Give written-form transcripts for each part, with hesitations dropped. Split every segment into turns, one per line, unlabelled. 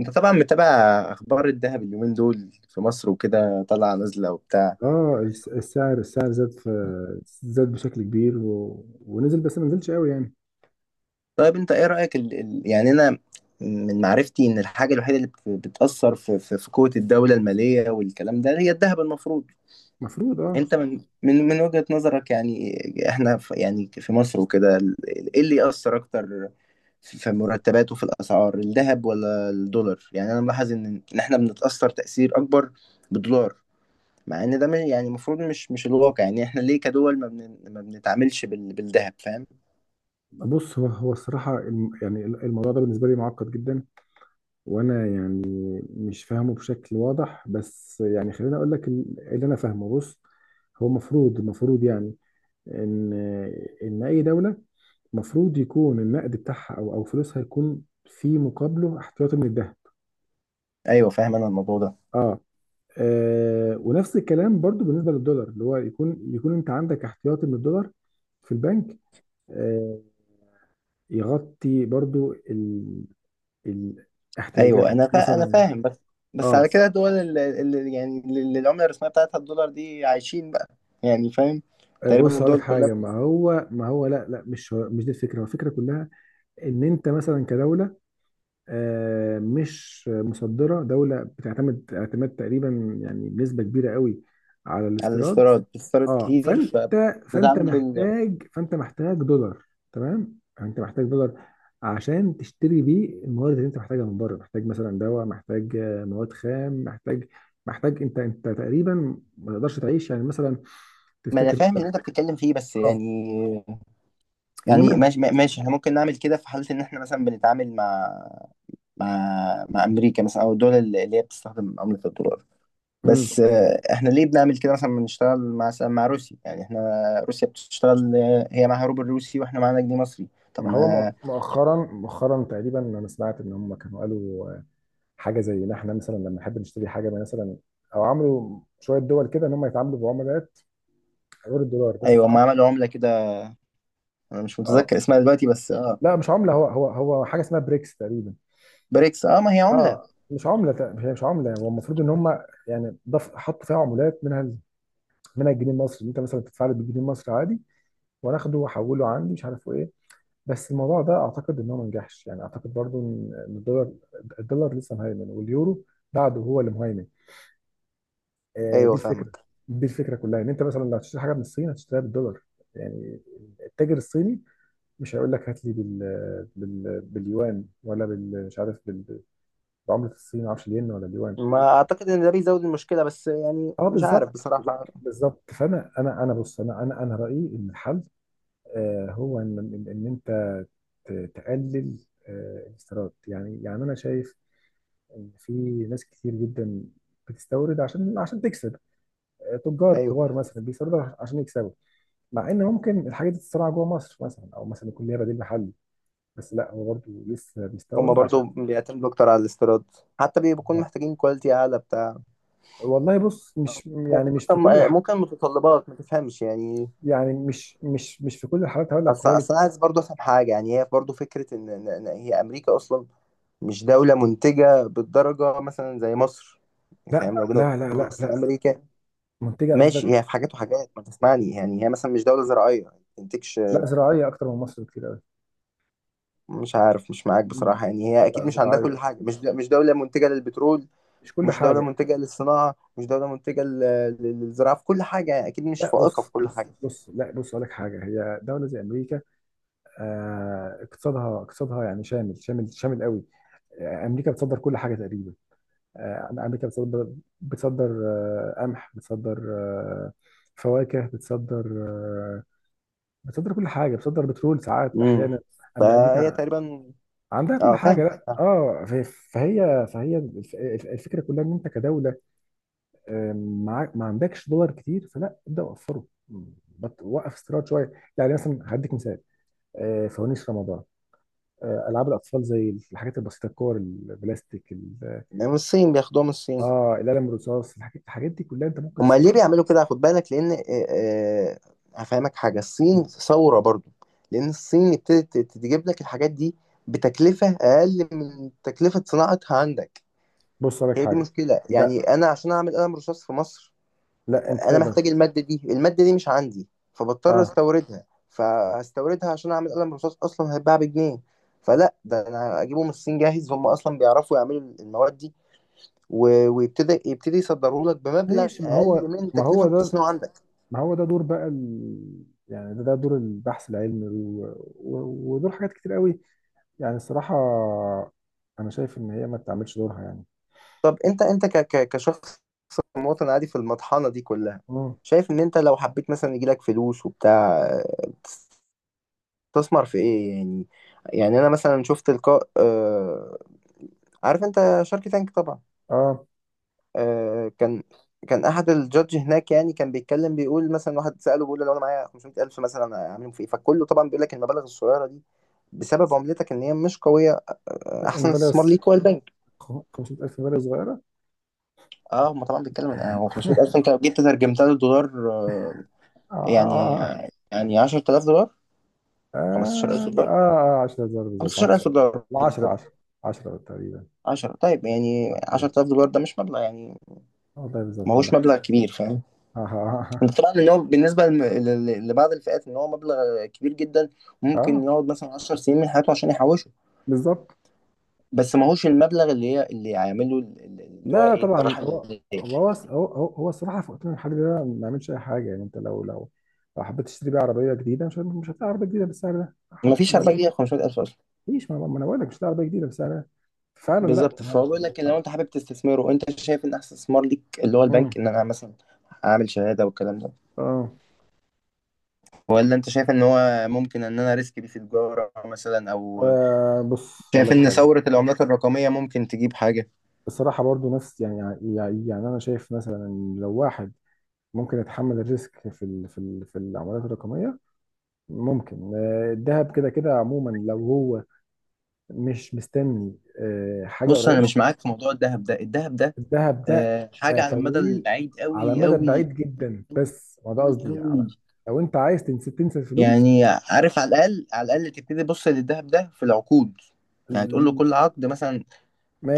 انت طبعا متابع اخبار الذهب اليومين دول في مصر وكده، طالعه نازله وبتاع.
اه السعر زاد بشكل كبير ونزل، بس ما نزلش قوي يعني.
طيب انت ايه رايك، يعني انا من معرفتي ان الحاجه الوحيده اللي بتاثر في قوه الدوله الماليه والكلام ده هي الذهب، المفروض.
المفروض
انت من وجهه نظرك، يعني احنا في، يعني في مصر وكده، ايه اللي ياثر اكتر في مرتبات وفي الاسعار، الذهب ولا الدولار؟ يعني انا ملاحظ ان احنا بنتاثر تاثير اكبر بالدولار، مع ان ده يعني المفروض مش الواقع. يعني احنا ليه كدول ما بنتعاملش بالذهب؟ فاهم.
بص، هو الصراحة، يعني الموضوع ده بالنسبة لي معقد جدا. وانا يعني مش فاهمه بشكل واضح، بس يعني خليني اقول لك اللي انا فاهمه. بص، هو المفروض، يعني ان ان اي دولة المفروض يكون النقد بتاعها او فلوسها يكون في مقابله احتياطي من الذهب.
ايوه فاهم انا الموضوع ده.
اه. آه، ونفس الكلام برضو بالنسبه للدولار، اللي هو يكون، انت عندك احتياطي من الدولار في البنك. آه، يغطي برضو ال...
ايوه
احتياجاتك
انا
مثلا.
فاهم، بس بس
اه.
على كده الدول اللي العمله الرسميه بتاعتها الدولار دي عايشين بقى، يعني فاهم.
آه،
تقريبا
بص هقول لك
الدول كلها
حاجه. ما هو ما هو لا لا، مش دي الفكره، هو الفكره كلها ان انت مثلا كدوله. آه، مش مصدرة. دولة بتعتمد اعتماد تقريبا يعني بنسبة كبيرة قوي على
على
الاستيراد.
الاستيراد، بتستورد
اه،
كتير،
فانت فانت
فبتتعامل
محتاج فانت محتاج دولار. تمام، انت محتاج دولار عشان تشتري بيه الموارد اللي انت محتاجها من بره. محتاج مثلا دواء، محتاج مواد خام، محتاج. انت تقريبا ما تقدرش تعيش يعني مثلا.
ما انا
تفتكر
فاهم اللي
مثلا.
انت بتتكلم فيه، بس
اه،
يعني، يعني
انما.
ماشي ماشي، احنا ممكن نعمل كده في حاله ان احنا مثلا بنتعامل مع مع امريكا مثلا، او الدول اللي هي بتستخدم عمله الدولار.
مم.
بس احنا ليه بنعمل كده مثلا بنشتغل مع روسيا؟ يعني احنا، روسيا بتشتغل، هي معاها روبل روسي واحنا معانا جنيه مصري. طب
ما هو
ما،
مؤخرا تقريبا انا سمعت ان هم كانوا قالوا حاجه زي ان احنا مثلا لما نحب نشتري حاجه مثلا، او عملوا شويه دول كده ان هم يتعاملوا بعملات غير الدولار. بس
ايوه
اه.
ما عملوا عملة كده، انا مش
آه.
متذكر اسمها دلوقتي بس اه،
لا مش عمله. هو هو حاجه اسمها بريكس تقريبا.
بريكس. اه ما هي عملة.
اه، مش عمله تق- هي مش عمله. هو المفروض ان هم، يعني حطوا فيها عملات، منها الجنيه المصري. انت مثلا تدفع لي بالجنيه المصري عادي، وانا اخده واحوله عندي، مش عارف ايه. بس الموضوع ده اعتقد ان هو ما نجحش. يعني اعتقد برضو ان الدولار لسه مهيمن، واليورو بعده هو اللي مهيمن. آه، دي
ايوه
الفكره.
فاهمك.
دي الفكره كلها ان انت مثلا لو هتشتري حاجه من الصين هتشتريها بالدولار، يعني التاجر الصيني مش هيقول لك هات لي باليوان، مش عارف بعمله الصين، ما اعرفش الين ولا اليوان.
ما اعتقد ان ده بيزود المشكلة، بس يعني
اه
مش عارف
بالظبط
بصراحة.
بالظبط بالظبط. فانا انا انا بص، انا رايي ان الحل، آه، هو ان انت تقلل آه الاستيراد. يعني، انا شايف ان في ناس كتير جدا بتستورد عشان تكسب. آه، تجار
ايوه.
كبار مثلا بيستوردوا عشان يكسبوا، مع ان ممكن الحاجات دي تتصنع جوه مصر مثلا، او مثلا يكون ليها بديل محلي. بس لا، هو برضه لسه
هما
بيستورد عشان.
برضو بيعتمدوا اكتر على الاستيراد، حتى بيكونوا محتاجين كواليتي اعلى بتاع
والله بص، مش يعني مش
ممكن،
في كل الح...
ممكن متطلبات ما تفهمش يعني.
يعني مش في كل الحالات هقول لك
اصل
كواليتي.
اصل أنا عايز برضه افهم حاجه، يعني هي برضه فكره، ان إن هي امريكا اصلا مش دوله منتجه بالدرجه مثلا زي مصر.
لا
فاهم؟ لو جينا
لا لا لا
بص
لا.
امريكا،
منتجه
ماشي،
قصدك؟
هي في حاجات وحاجات ما تسمعني. يعني هي مثلا مش دوله زراعيه، ما بتنتجش.
لا، زراعيه اكتر من مصر بكتير قوي.
مش عارف، مش معاك
مم.
بصراحه. يعني
لا
هي
لا،
اكيد مش عندها
زراعيه.
كل حاجه، مش دوله منتجه للبترول،
مش كل
مش دوله
حاجه.
منتجه للصناعه، مش دوله منتجه للزراعه في كل حاجه. يعني اكيد مش
لا
فائقه في
بص،
كل حاجه.
لا، بص اقول لك حاجه. هي دوله زي امريكا، آه، اقتصادها يعني شامل شامل شامل قوي. آه، امريكا بتصدر كل حاجه تقريبا. آه، امريكا بتصدر، بتصدر قمح، بتصدر فواكه، بتصدر بتصدر كل حاجه. بتصدر بترول ساعات،
امم
احيانا.
فهي
امريكا
تقريبا،
عندها كل
اه فاهم
حاجه. لا
فاهم.
اه فهي الفكره كلها ان انت كدوله، آه، معاك، ما عندكش دولار كتير، فلا ابدا وفره وقف استيراد شويه. يعني مثلا هديك مثال، آه، فوانيس رمضان، آه، العاب الاطفال، زي الحاجات البسيطه، الكور البلاستيك
من الصين بياخدوها، من الصين.
اه، القلم الرصاص. الحاجات دي كلها انت ممكن
هما ليه
تصنعها.
بيعملوا كده؟ خد بالك، لان آه، هفهمك حاجه، الصين ثوره برضو، لان الصين ابتدت تجيب لك الحاجات دي بتكلفه اقل من تكلفه صناعتها عندك.
بص لك
هي دي
حاجه.
مشكله. يعني
لا،
انا عشان اعمل قلم رصاص في مصر،
لا انت
انا
تقدر.
محتاج الماده دي، الماده دي مش عندي، فبضطر
اه
استوردها، فهستوردها عشان اعمل قلم رصاص اصلا هيتباع بجنيه. فلا، ده انا اجيبه من الصين جاهز، هم اصلا بيعرفوا يعملوا المواد دي، و- ويبتدي يصدروا لك بمبلغ
ماشي. ما هو
اقل من
ما
تكلفه
هو ده،
التصنيع عندك.
ما هو ده دور بقى يعني، ده دور البحث العلمي و... ودور حاجات كتير قوي. يعني الصراحه، انا شايف ان هي ما تعملش دورها يعني.
طب انت، ك ك كشخص مواطن عادي في المطحنة دي كلها،
مم.
شايف ان انت لو حبيت مثلا يجيلك فلوس وبتاع، تستثمر في ايه يعني؟ يعني انا مثلا شفت لقاء، عارف انت شارك تانك طبعا.
اه،
آه، كان كان احد الجادج هناك، يعني كان بيتكلم، بيقول مثلا واحد سأله بيقول له: لو انا معايا 500000 مثلا اعملهم في ايه؟ فكله طبعا بيقول لك المبالغ الصغيرة دي بسبب عملتك ان هي مش قوية، احسن استثمار
انفلاس.
ليك هو البنك.
500000 فيلا صغيره.
اه، هم طبعا بيتكلم هو 500000، انت لو جيت ترجمتها للدولار،
آه
يعني،
آه
10000 دولار، 15000
آه آه
دولار
آه. 10000، بالظبط 10.
15000 دولار
لا، 10
بالظبط.
10. 10 تقريبا.
10، طيب يعني
10،
10000 دولار ده مش مبلغ يعني،
والله
ما
بالظبط عندك
هوش
حق.
مبلغ كبير. فاهم؟
آه آه
انت طبعا ان هو بالنسبه لبعض الفئات ان هو مبلغ كبير جدا،
آه
ممكن
آه.
يقعد مثلا 10 سنين من حياته عشان يحوشه.
بالظبط.
بس ما هوش المبلغ، اللي هيعمل له، اللي هو
لا لا
ايه،
طبعا.
الراحه
هو
الماديه.
هو هو هو هو الصراحه، في وقتنا الحالي ده ما بيعملش اي حاجه. يعني انت لو لو حبيت تشتري بيه عربيه جديده، مش هتلاقي عربيه جديده بالسعر ده،
ما
حتى
فيش 4
لو
جنيه 500000.
مفيش. ما انا بقول لك مش هتلاقي عربيه جديده بالسعر ده فعلا. لا،
بالظبط، فهو
تمام.
بيقول لك لو انت حابب تستثمره، وانت شايف ان احسن استثمار ليك اللي هو
مم.
البنك، ان انا مثلا اعمل شهاده والكلام ده؟
اه.
ولا انت شايف ان هو ممكن ان انا ريسك دي في تجاره مثلا، او
آه، بص هقول
شايف
لك
ان
حاجه،
ثوره العملات الرقميه ممكن تجيب حاجه؟
بصراحه برضو نفس يعني. يعني انا شايف مثلا إن لو واحد ممكن يتحمل الريسك في العملات الرقميه. ممكن الذهب كده كده عموما، لو هو مش مستني حاجه
بص، انا
قريبه.
مش معاك في موضوع الذهب ده. الذهب ده
الذهب ده، آه،
حاجه على المدى
طويل،
البعيد،
على
قوي
مدى بعيد
قوي
جدا. بس ما ده قصدي،
قوي.
على لو انت عايز تنسى، تنسى الفلوس.
يعني عارف، على الاقل، على الاقل تبتدي تبص للذهب ده في العقود. يعني تقول له
ال-
كل عقد مثلا،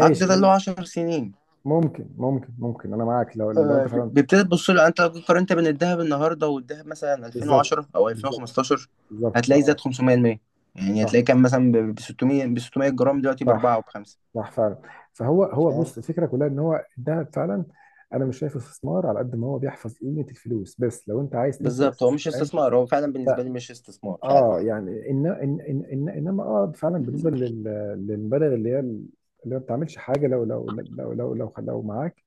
عقد ده اللي هو
ممكن.
10 سنين،
ممكن انا معاك، لو انت فعلا
بتبتدي تبص له. يعني انت لو جيت قارنت بين الذهب النهارده والذهب مثلا
بالظبط
2010 او
بالظبط
2015،
بالظبط.
هتلاقي زاد
اه
500%. يعني هتلاقي كان مثلا ب 600، ب 600 جرام، دلوقتي ب 4
صح،
وب 5.
صح فعلا. فهو
فاهم؟
بص، الفكره كلها ان هو الذهب فعلا، انا مش شايف استثمار على قد ما هو بيحفظ قيمه الفلوس. بس لو انت عايز تنسى.
بالظبط، هو مش
فاهم.
استثمار. هو فعلا بالنسبه لي مش استثمار فعلا.
اه يعني، إن إن إن إن إنما اه فعلا بالنسبة للمبالغ اللي ما بتعملش حاجة، لو معاك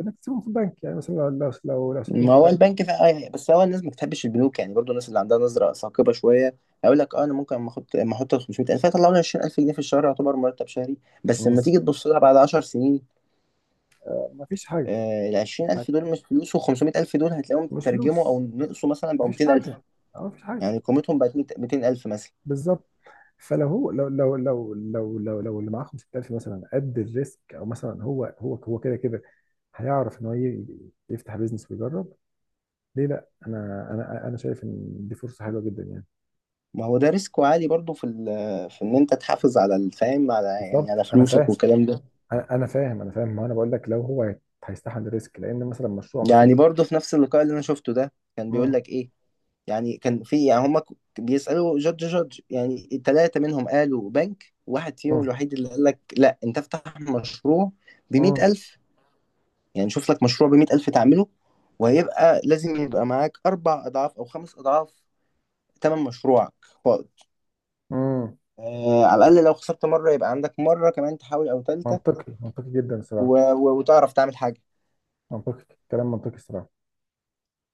إنك تسيبهم في البنك. يعني مثلا لو سبتهم
ما
في
هو
البنك.
البنك فعلا، بس هو الناس ما بتحبش البنوك. يعني برضو الناس اللي عندها نظره ثاقبه شويه هيقول لك: اه، انا ممكن اما احط 500000 هيطلعوا لي 20000 جنيه في الشهر، يعتبر مرتب شهري. بس
مم.
لما تيجي تبص لها بعد 10 سنين،
ما فيش حاجة.
ال 20000 دول مش فلوس، و 500000 دول هتلاقيهم
مش
ترجموا او
فلوس،
نقصوا مثلا،
ما
بقوا
فيش
200000.
حاجة. اه ما فيش حاجة.
يعني قيمتهم بقت 200000 مثلا.
بالظبط. فلو هو لو اللي معاه 5000 مثلا قد الريسك، او مثلا هو كده كده هيعرف ان هو يفتح بيزنس ويجرب. ليه لا، انا شايف ان دي فرصه حلوه جدا يعني.
ما هو ده ريسك عالي برضه في في ان انت تحافظ على الفهم، على يعني
بالظبط
على
انا فاهم،
فلوسك والكلام ده.
انا أنا فاهم انا فاهم، ما انا بقول لك لو هو هيستحمل الريسك لان مثلا مشروع مثلا.
يعني برضه في نفس اللقاء اللي انا شفته ده، كان بيقول
مم.
لك ايه، يعني كان في يعني هما بيسألوا جادج، جادج. يعني التلاتة منهم قالوا بنك، واحد فيهم
مم.
الوحيد اللي قال لك لا، انت افتح مشروع
مم.
بـ100 ألف. يعني شوف لك مشروع بـ100 ألف تعمله، وهيبقى لازم يبقى معاك أربع أضعاف أو خمس أضعاف تمن مشروعك فائض،
مم.
آه، على الأقل لو خسرت مرة يبقى عندك مرة كمان تحاول، أو تالتة،
منطقي، منطقي جدا صراحه.
وتعرف تعمل حاجة.
منطقي. كلام منطقي صراحه.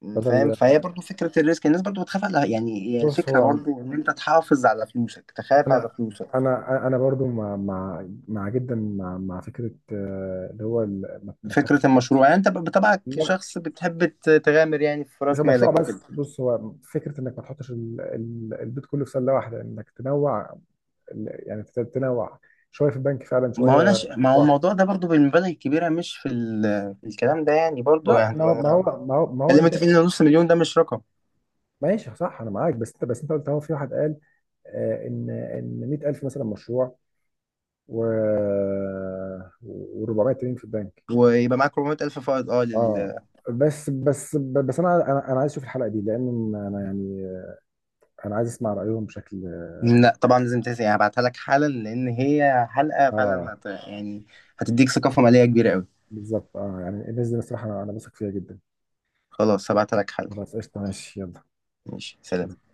فاهم.
بدل،
فهي برضو فكرة الريسك، الناس برضو بتخاف على، يعني هي
بص
الفكرة
هو،
برضو إن أنت تحافظ على فلوسك، تخاف على
انا،
فلوسك.
انا برضو مع جدا، مع فكره، اللي هو ما
فكرة
تحطش.
المشروع، يعني أنت بطبعك
لا
شخص بتحب تغامر يعني في
مش
رأس
المشروع
مالك وكده.
بس. بص، هو فكره انك ما تحطش البيت كله في سله واحده، انك تنوع يعني تنوع. شويه في البنك فعلا، شويه.
ما هو
شوية.
الموضوع ده برضو بالمبالغ الكبيرة، مش في الكلام ده يعني، برضو
لا،
يعني،
ما هو
خلينا
انت
متفقين ان 500 ألف ده مش رقم.
ماشي صح، انا معاك. بس انت، بس انت قلت اهو في واحد قال، آه، ان 100000 مثلا مشروع، و و400 تمرين في البنك.
ويبقى معاك 400000 فائض، اه،
اه، بس انا عايز اشوف الحلقه دي، لان انا يعني انا عايز اسمع رايهم بشكل.
لا، طبعا لازم تنسى، يعني هبعتها لك حالا لان هي حلقة
اه
فعلا يعني هتديك ثقافة مالية كبيرة قوي.
بالظبط. اه يعني، الناس دي بصراحه انا بثق فيها جدا.
خلاص هبعتها لك حالا.
خلاص، قشطه، ماشي.
ماشي، سلام.
يلا